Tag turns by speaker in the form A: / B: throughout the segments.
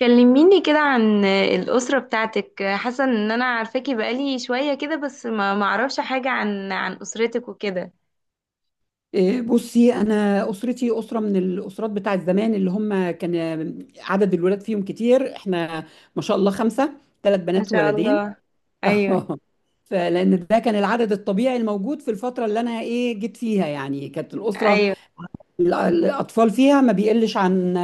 A: كلميني كده عن الأسرة بتاعتك. حاسة ان انا عارفاكي بقالي شوية كده، بس ما اعرفش حاجة عن أسرتك وكده.
B: إيه، بصي انا اسرتي اسره من الاسرات بتاعت زمان اللي هم كان عدد الولاد فيهم كتير. احنا ما شاء الله خمسه، ثلاث
A: ما
B: بنات
A: شاء
B: وولدين.
A: الله. ايوه.
B: اه، فلان ده كان العدد الطبيعي الموجود في الفتره اللي انا جيت فيها، يعني كانت الاسره
A: ايوه.
B: الأطفال فيها ما بيقلش عن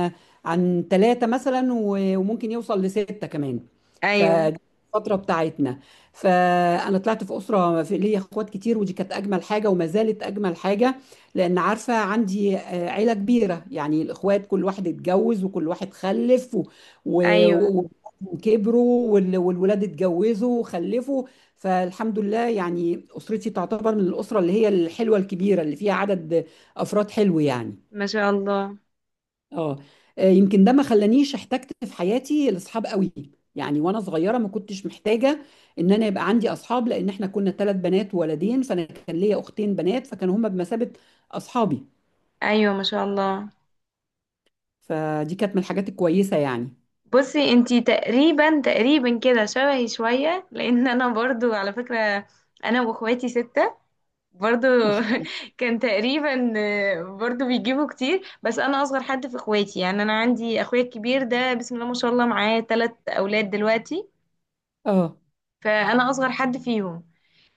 B: ثلاثة مثلا وممكن يوصل لستة كمان.
A: ايوه.
B: فدي الفترة بتاعتنا. فأنا طلعت في أسرة في ليا أخوات كتير، ودي كانت أجمل حاجة وما زالت أجمل حاجة، لأن عارفة عندي عيلة كبيرة. يعني الأخوات كل واحد اتجوز وكل واحد خلف
A: ايوه.
B: و- و- وكبروا والولاد اتجوزوا وخلفوا. فالحمد لله يعني أسرتي تعتبر من الأسرة اللي هي الحلوة الكبيرة اللي فيها عدد أفراد حلو يعني.
A: ما شاء الله.
B: اه، يمكن ده ما خلانيش احتجت في حياتي لاصحاب قوي. يعني وانا صغيره ما كنتش محتاجه ان انا يبقى عندي اصحاب، لان احنا كنا ثلاث بنات وولدين، فانا كان ليا اختين بنات فكانوا هما بمثابه اصحابي.
A: ايوه. ما شاء الله.
B: فدي كانت من الحاجات الكويسه يعني.
A: بصي انتي تقريبا تقريبا كده شبهي شوية، لان انا برضو على فكرة انا واخواتي ستة برضو.
B: ما شاء الله.
A: كان تقريبا، برضو بيجيبوا كتير، بس انا اصغر حد في اخواتي. يعني انا عندي اخويا الكبير ده، بسم الله ما شاء الله، معاه ثلاث اولاد دلوقتي.
B: اه.
A: فانا اصغر حد فيهم.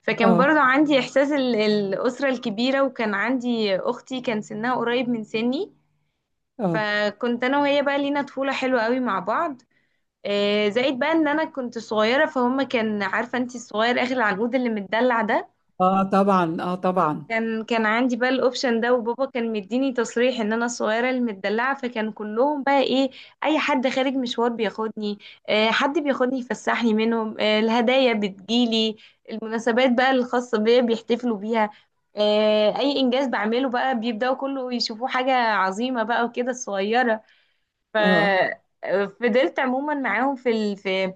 A: فكان
B: اه.
A: برضو عندي احساس الاسره الكبيره، وكان عندي اختي كان سنها قريب من سني،
B: اه.
A: فكنت انا وهي بقى لينا طفوله حلوه قوي مع بعض. زائد بقى ان انا كنت صغيره، فهم كان عارفه، انت الصغير اخر العنقود اللي متدلع ده.
B: اه طبعا، اه طبعا.
A: كان عندي بقى الاوبشن ده، وبابا كان مديني تصريح ان انا الصغيره المدلعه، فكان كلهم بقى ايه، اي حد خارج مشوار بياخدني، حد بياخدني يفسحني منهم، الهدايا بتجيلي، المناسبات بقى الخاصه بيا بيحتفلوا بيها، اي انجاز بعمله بقى بيبداوا كله يشوفوه حاجه عظيمه بقى وكده الصغيره.
B: اه.
A: ففضلت عموما معاهم في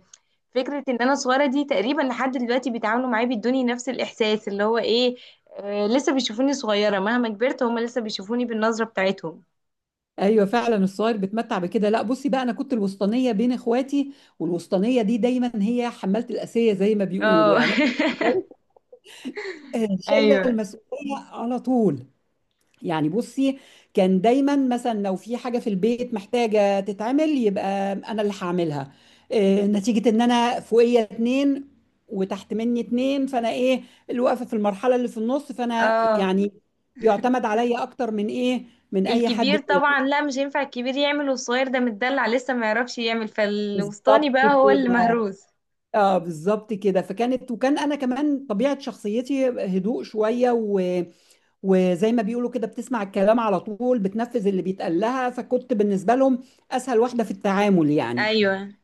A: فكرة ان انا صغيرة دي تقريبا لحد دلوقتي. بيتعاملوا معايا بيدوني نفس الاحساس اللي هو ايه، لسه بيشوفوني صغيرة مهما كبرت، هما لسه بيشوفوني بالنظرة بتاعتهم.
B: ايوه فعلا الصغير بيتمتع بكده. لا بصي بقى، انا كنت الوسطانيه بين اخواتي، والوسطانيه دي دايما هي حماله الاسيه زي ما بيقولوا
A: اه.
B: يعني. شايله
A: ايوه.
B: المسؤوليه على طول. يعني بصي، كان دايما مثلا لو في حاجه في البيت محتاجه تتعمل، يبقى انا اللي هعملها. نتيجه ان انا فوقيه اتنين وتحت مني اتنين، فانا اللي واقفه في المرحله اللي في النص، فانا
A: اه.
B: يعني يعتمد عليا اكتر من من اي حد
A: الكبير
B: تاني.
A: طبعا لا، مش هينفع الكبير يعمل والصغير ده متدلع لسه ما يعرفش يعمل، فالوسطاني
B: بالظبط
A: بقى هو
B: كده.
A: اللي مهروس.
B: اه بالظبط كده. فكانت، وكان انا كمان طبيعه شخصيتي هدوء شويه، و وزي ما بيقولوا كده، بتسمع الكلام على طول، بتنفذ اللي بيتقال لها، فكنت بالنسبة لهم أسهل واحدة في التعامل يعني.
A: ايوه.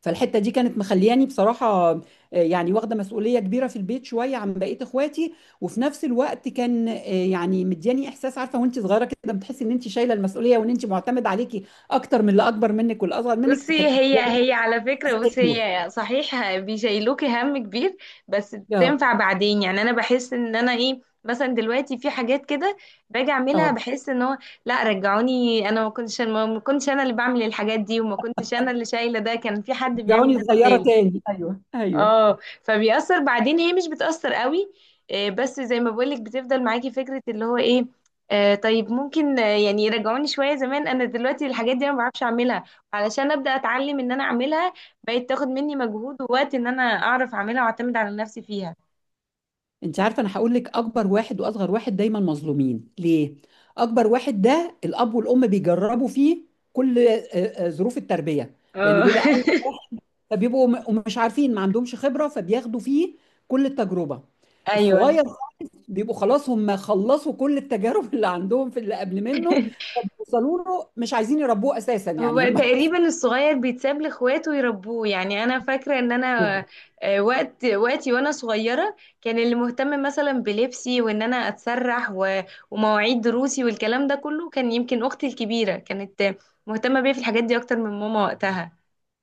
B: فالحتة دي كانت مخلياني بصراحة يعني واخدة مسؤولية كبيرة في البيت شوية عن بقية إخواتي، وفي نفس الوقت كان يعني مدياني إحساس، عارفة وأنت صغيرة كده بتحسي إن أنت شايلة المسؤولية وإن أنت معتمد عليكي أكتر من اللي أكبر منك والأصغر منك،
A: بصي
B: فكانت
A: هي
B: مدياني
A: هي على فكرة،
B: إحساس
A: بصي
B: حلو.
A: هي صحيح بيشيلوكي هم كبير، بس
B: اه.
A: بتنفع بعدين. يعني انا بحس ان انا ايه، مثلا دلوقتي في حاجات كده باجي اعملها
B: اه.
A: بحس ان هو لا، رجعوني، انا ما كنتش، ما كنتش انا اللي بعمل الحاجات دي، وما كنتش انا اللي شايلة ده، كان في حد بيعمل
B: رجعوني
A: ده
B: صغيرة
A: بدالي.
B: تاني، أيوه أيوه.
A: اه، فبيأثر بعدين، هي مش بتأثر قوي، بس زي ما بقولك بتفضل معاكي فكرة اللي هو ايه، طيب ممكن، يعني يرجعوني شوية زمان، انا دلوقتي الحاجات دي انا ما بعرفش اعملها، علشان ابدأ اتعلم ان انا اعملها بقت تاخد مني مجهود ووقت ان انا اعرف اعملها واعتمد على نفسي فيها.
B: انت عارفه، انا هقول لك اكبر واحد واصغر واحد دايما مظلومين ليه. اكبر واحد ده الاب والام بيجربوا فيه كل ظروف التربيه، لانه
A: اه.
B: بيبقى أول، فبيبقوا مش عارفين، ما عندهمش خبره، فبياخدوا فيه كل التجربه.
A: ايوه.
B: الصغير بيبقوا خلاص هم خلصوا كل التجارب اللي عندهم في اللي قبل منه، فبيوصلوا له مش عايزين يربوه اساسا
A: هو
B: يعني هم.
A: تقريبا الصغير بيتساب لاخواته يربوه. يعني انا فاكره ان انا، وقتي وانا صغيره كان اللي مهتم مثلا بلبسي وان انا اتسرح ومواعيد دروسي والكلام ده كله، كان يمكن اختي الكبيره كانت مهتمه بيا في الحاجات دي اكتر من ماما وقتها.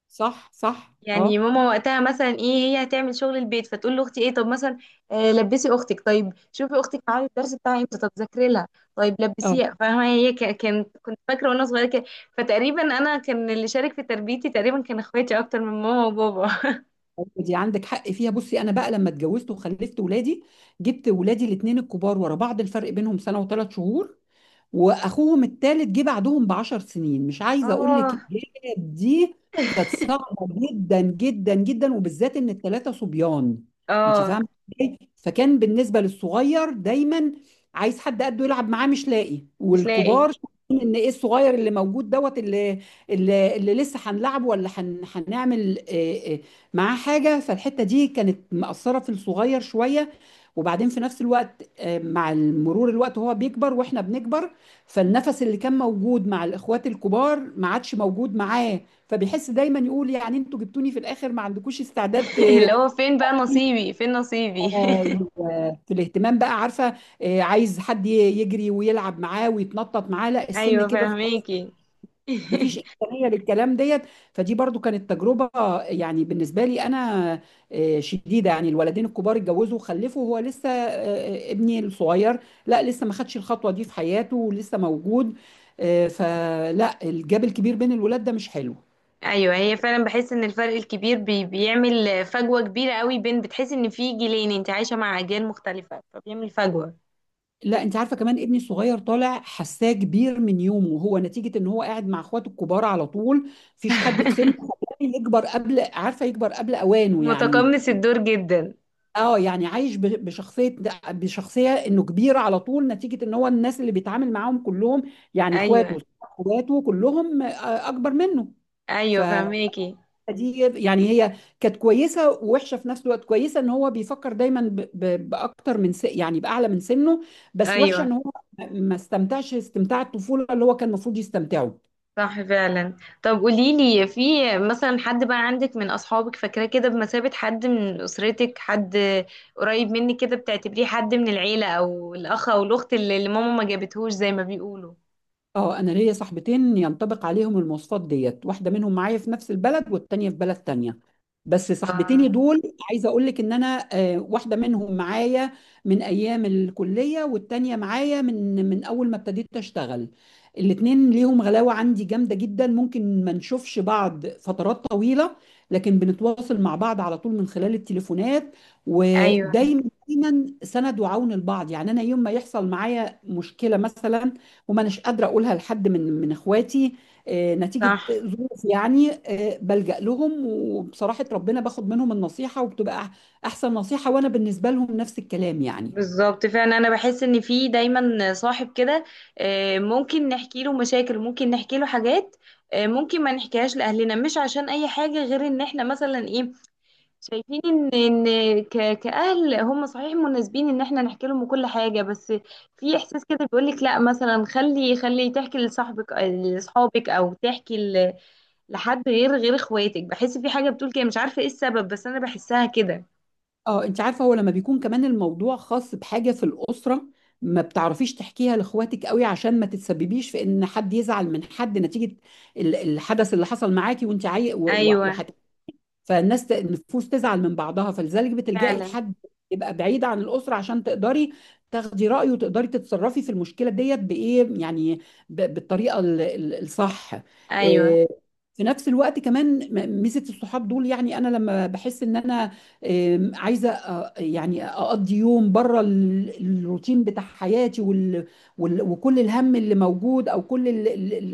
B: صح صح
A: يعني
B: اه.
A: ماما وقتها مثلا ايه، هي هتعمل شغل البيت، فتقول لاختي ايه، طب مثلا لبسي اختك، طيب شوفي اختك معايا الدرس بتاعها امتى، طب ذاكري لها، طيب
B: آه.
A: لبسيها، فاهمه؟ هي ك- كانت كنت فاكره وانا صغيره كده. فتقريبا انا كان اللي شارك في تربيتي تقريبا كان اخواتي اكتر من ماما وبابا.
B: أيوة دي عندك حق فيها. بصي انا بقى لما اتجوزت وخلفت ولادي، جبت ولادي الاثنين الكبار ورا بعض، الفرق بينهم سنه وثلاث شهور، واخوهم الثالث جه بعدهم ب 10 سنين. مش عايزه اقول لك
A: اه.
B: الجيل دي كانت صعبه جدا جدا جدا، وبالذات ان الثلاثه صبيان. انت
A: اه
B: فاهمه ازاي. فكان بالنسبه للصغير دايما عايز حد قده يلعب معاه مش لاقي،
A: مش لاقي.
B: والكبار شايفين ان الصغير اللي موجود دوت، اللي اللي لسه هنلعبه ولا هنعمل معاه حاجه. فالحته دي كانت مأثره في الصغير شويه. وبعدين في نفس الوقت مع مرور الوقت وهو بيكبر واحنا بنكبر، فالنفس اللي كان موجود مع الاخوات الكبار ما عادش موجود معاه، فبيحس دايما يقول يعني انتوا جبتوني في الاخر ما عندكوش استعداد
A: اللي هو فين بقى نصيبي، فين نصيبي.
B: في الاهتمام بقى، عارفه. عايز حد يجري ويلعب معاه ويتنطط معاه، لا السن
A: ايوه
B: كبر،
A: فاهميكي.
B: مفيش إمكانية للكلام ديت. فدي برضو كانت تجربة يعني بالنسبة لي أنا شديدة. يعني الولدين الكبار اتجوزوا وخلفوا، وهو لسه ابني الصغير لا لسه ما خدش الخطوة دي في حياته ولسه موجود. فلا الجاب الكبير بين الولاد ده مش حلو.
A: ايوه، هي فعلا بحس ان الفرق الكبير بيعمل فجوه كبيره قوي، بين بتحس ان في جيلين انت عايشه مع اجيال مختلفه فبيعمل فجوه.
B: لا انت عارفه كمان، ابني الصغير طالع حساه كبير من يومه، هو نتيجه ان هو قاعد مع اخواته الكبار على طول، مفيش حد في سنه خلاه يكبر قبل، عارفه، يكبر قبل اوانه يعني.
A: متقمص الدور جدا.
B: اه يعني عايش بشخصيه انه كبير على طول، نتيجه ان هو الناس اللي بيتعامل معاهم كلهم يعني
A: ايوه.
B: اخواته، اخواته كلهم اكبر منه.
A: ايوه
B: فدي
A: فهماكي.
B: يعني هي كانت كويسه ووحشه في نفس الوقت. كويسه ان هو بيفكر دايما باكتر من يعني باعلى من سنه. بس وحشه
A: ايوه.
B: ان هو ما استمتعش استمتاع الطفوله اللي هو كان المفروض يستمتعه.
A: صح فعلا. طب قولي لي، في مثلا حد بقى عندك من اصحابك فاكراه كده بمثابه حد من اسرتك، حد قريب منك كده بتعتبريه حد من العيله، او الاخ او الاخت اللي ماما ما جابتهوش زي ما بيقولوا؟
B: اه انا ليا صاحبتين ينطبق عليهم المواصفات ديت، واحده منهم معايا في نفس البلد والتانيه في بلد تانيه. بس صاحبتيني
A: اه.
B: دول، عايزه اقول لك ان انا واحده منهم معايا من ايام الكليه، والتانيه معايا من اول ما ابتديت اشتغل. الاتنين ليهم غلاوه عندي جامده جدا. ممكن ما نشوفش بعض فترات طويله، لكن بنتواصل مع بعض على طول من خلال التليفونات،
A: ايوه
B: ودايما دايما سند وعون البعض. يعني انا يوم ما يحصل معايا مشكله مثلا وما اناش قادره اقولها لحد من اخواتي نتيجه
A: صح.
B: ظروف يعني، بلجأ لهم، وبصراحه ربنا باخد منهم النصيحه وبتبقى احسن نصيحه، وانا بالنسبه لهم نفس الكلام يعني.
A: بالظبط فعلا، انا بحس ان في دايما صاحب كده، ممكن نحكي له مشاكل، ممكن نحكي له حاجات، ممكن ما نحكيهاش لاهلنا، مش عشان اي حاجه، غير ان احنا مثلا ايه، شايفين ان كاهل هم صحيح مناسبين ان احنا نحكي لهم كل حاجه، بس في احساس كده بيقول لك لا، مثلا خلي خلي تحكي لصاحبك، لاصحابك، او تحكي لحد غير اخواتك. بحس في حاجه بتقول كده، مش عارفه ايه السبب بس انا بحسها كده.
B: اه انت عارفه، هو لما بيكون كمان الموضوع خاص بحاجه في الاسره، ما بتعرفيش تحكيها لاخواتك قوي، عشان ما تتسببيش في ان حد يزعل من حد نتيجه الحدث اللي حصل معاكي
A: ايوه
B: فالناس النفوس تزعل من بعضها، فلذلك بتلجئي
A: فعلا.
B: لحد يبقى بعيد عن الأسرة عشان تقدري تاخدي رأيه وتقدري تتصرفي في المشكلة ديت بإيه يعني، بالطريقة الصح.
A: ايوه.
B: إيه، في نفس الوقت كمان ميزة الصحاب دول، يعني أنا لما بحس إن أنا إيه، عايزة يعني أقضي يوم بره الروتين بتاع حياتي وكل الهم اللي موجود أو كل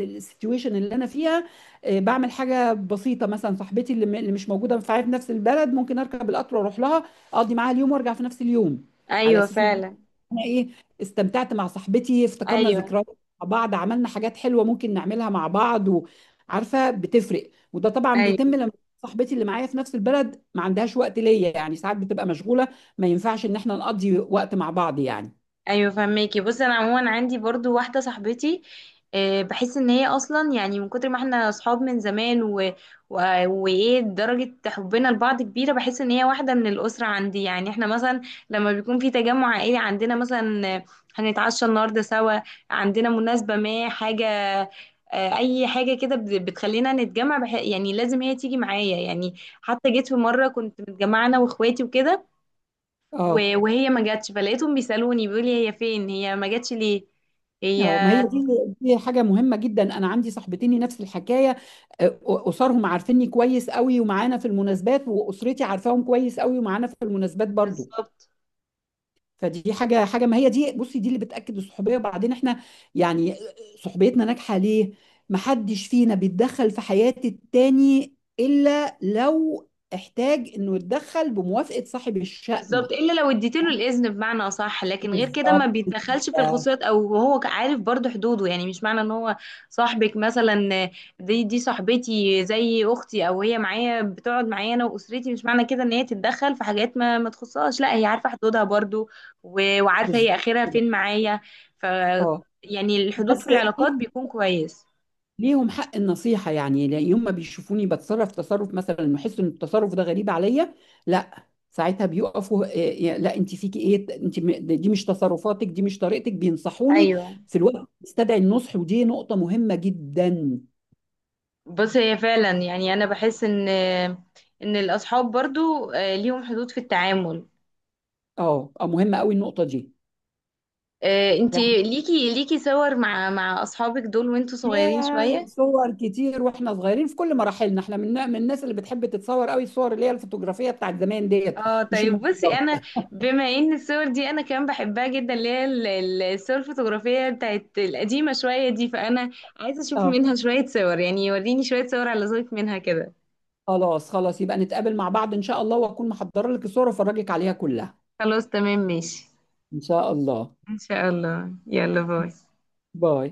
B: السيتويشن اللي أنا فيها، بعمل حاجه بسيطه. مثلا صاحبتي اللي اللي مش موجوده في نفس البلد، ممكن اركب القطر واروح لها اقضي معاها اليوم وارجع في نفس اليوم، على
A: ايوه
B: اساس ان
A: فعلا.
B: انا استمتعت مع صاحبتي، افتكرنا
A: ايوه.
B: ذكريات مع بعض، عملنا حاجات حلوه ممكن نعملها مع بعض. وعارفه بتفرق، وده طبعا بيتم
A: ايوه.
B: لما صاحبتي اللي معايا في نفس البلد ما عندهاش وقت ليا يعني، ساعات بتبقى مشغوله ما ينفعش ان احنا نقضي وقت مع بعض يعني.
A: ايوه فهماكي. بص انا عموما عندي برضو واحده صاحبتي، بحس ان هي اصلا يعني من كتر ما احنا اصحاب من زمان و... وايه درجه حبنا لبعض كبيره، بحس ان هي واحده من الاسره عندي. يعني احنا مثلا لما بيكون في تجمع عائلي عندنا مثلا، هنتعشى النهارده سوا، عندنا مناسبه ما، حاجه، اي حاجه كده بتخلينا نتجمع يعني لازم هي تيجي معايا. يعني حتى جيت في مره كنت متجمعه انا واخواتي وكده،
B: اه.
A: وهي ما جاتش، فلقيتهم بيسالوني بيقول لي هي فين، هي ما جاتش ليه، هي.
B: اه ما هي دي، دي حاجة مهمة جدا. أنا عندي صاحبتين نفس الحكاية، آه، أسرهم عارفيني كويس قوي ومعانا في المناسبات، وأسرتي عارفاهم كويس قوي ومعانا في المناسبات برضو.
A: بالظبط.
B: فدي حاجة ما هي دي. بصي دي اللي بتأكد الصحوبية. وبعدين احنا يعني صحبيتنا ناجحة ليه؟ محدش فينا بيتدخل في حياة التاني إلا لو احتاج إنه يتدخل بموافقة صاحب
A: بالظبط،
B: الشأن.
A: الا لو اديت له الاذن بمعنى اصح، لكن غير كده ما
B: بالظبط
A: بيتدخلش في
B: كده.
A: الخصوصيات، او هو عارف برضو حدوده. يعني مش معنى ان هو صاحبك مثلا، دي صاحبتي زي اختي، او هي معايا بتقعد معايا انا واسرتي، مش معنى كده ان هي تتدخل في حاجات ما تخصهاش، لا هي عارفه حدودها برضو، وعارفه هي
B: بالظبط
A: اخرها
B: كده.
A: فين معايا. ف
B: اه.
A: يعني الحدود
B: بس
A: في العلاقات بيكون كويس.
B: ليهم حق النصيحة يعني، يوم ما بيشوفوني تصرف مثلا ويحسوا ان التصرف ده غريب عليا، لا ساعتها بيقفوا إيه، إيه، لا انت فيكي ايه، انت دي مش تصرفاتك، دي مش طريقتك، بينصحوني
A: ايوه.
B: في الوقت يستدعي النصح. ودي نقطة مهمة جدا.
A: بص هي فعلا، يعني انا بحس ان ان الاصحاب برضو ليهم حدود في التعامل.
B: اه مهمة قوي النقطة دي. يعني
A: انتي ليكي صور مع اصحابك دول وانتوا صغيرين
B: يا
A: شوية؟
B: صور كتير واحنا صغيرين في كل مراحلنا. احنا من الناس اللي بتحب تتصور قوي، الصور اللي هي الفوتوغرافية بتاعت زمان ديت،
A: اه
B: مش
A: طيب بصي انا،
B: الموبايلات.
A: بما ان الصور دي انا كمان بحبها جدا، اللي هي الصور الفوتوغرافية بتاعت القديمة شوية دي، فانا عايزة اشوف
B: اه،
A: منها شوية صور يعني، وريني شوية صور على ذوقك منها كده.
B: خلاص خلاص يبقى نتقابل مع بعض إن شاء الله، وأكون محضرة لك الصور وأفرجك عليها كلها.
A: خلاص تمام ماشي.
B: إن شاء الله.
A: ان شاء الله، يلا باي.
B: باي.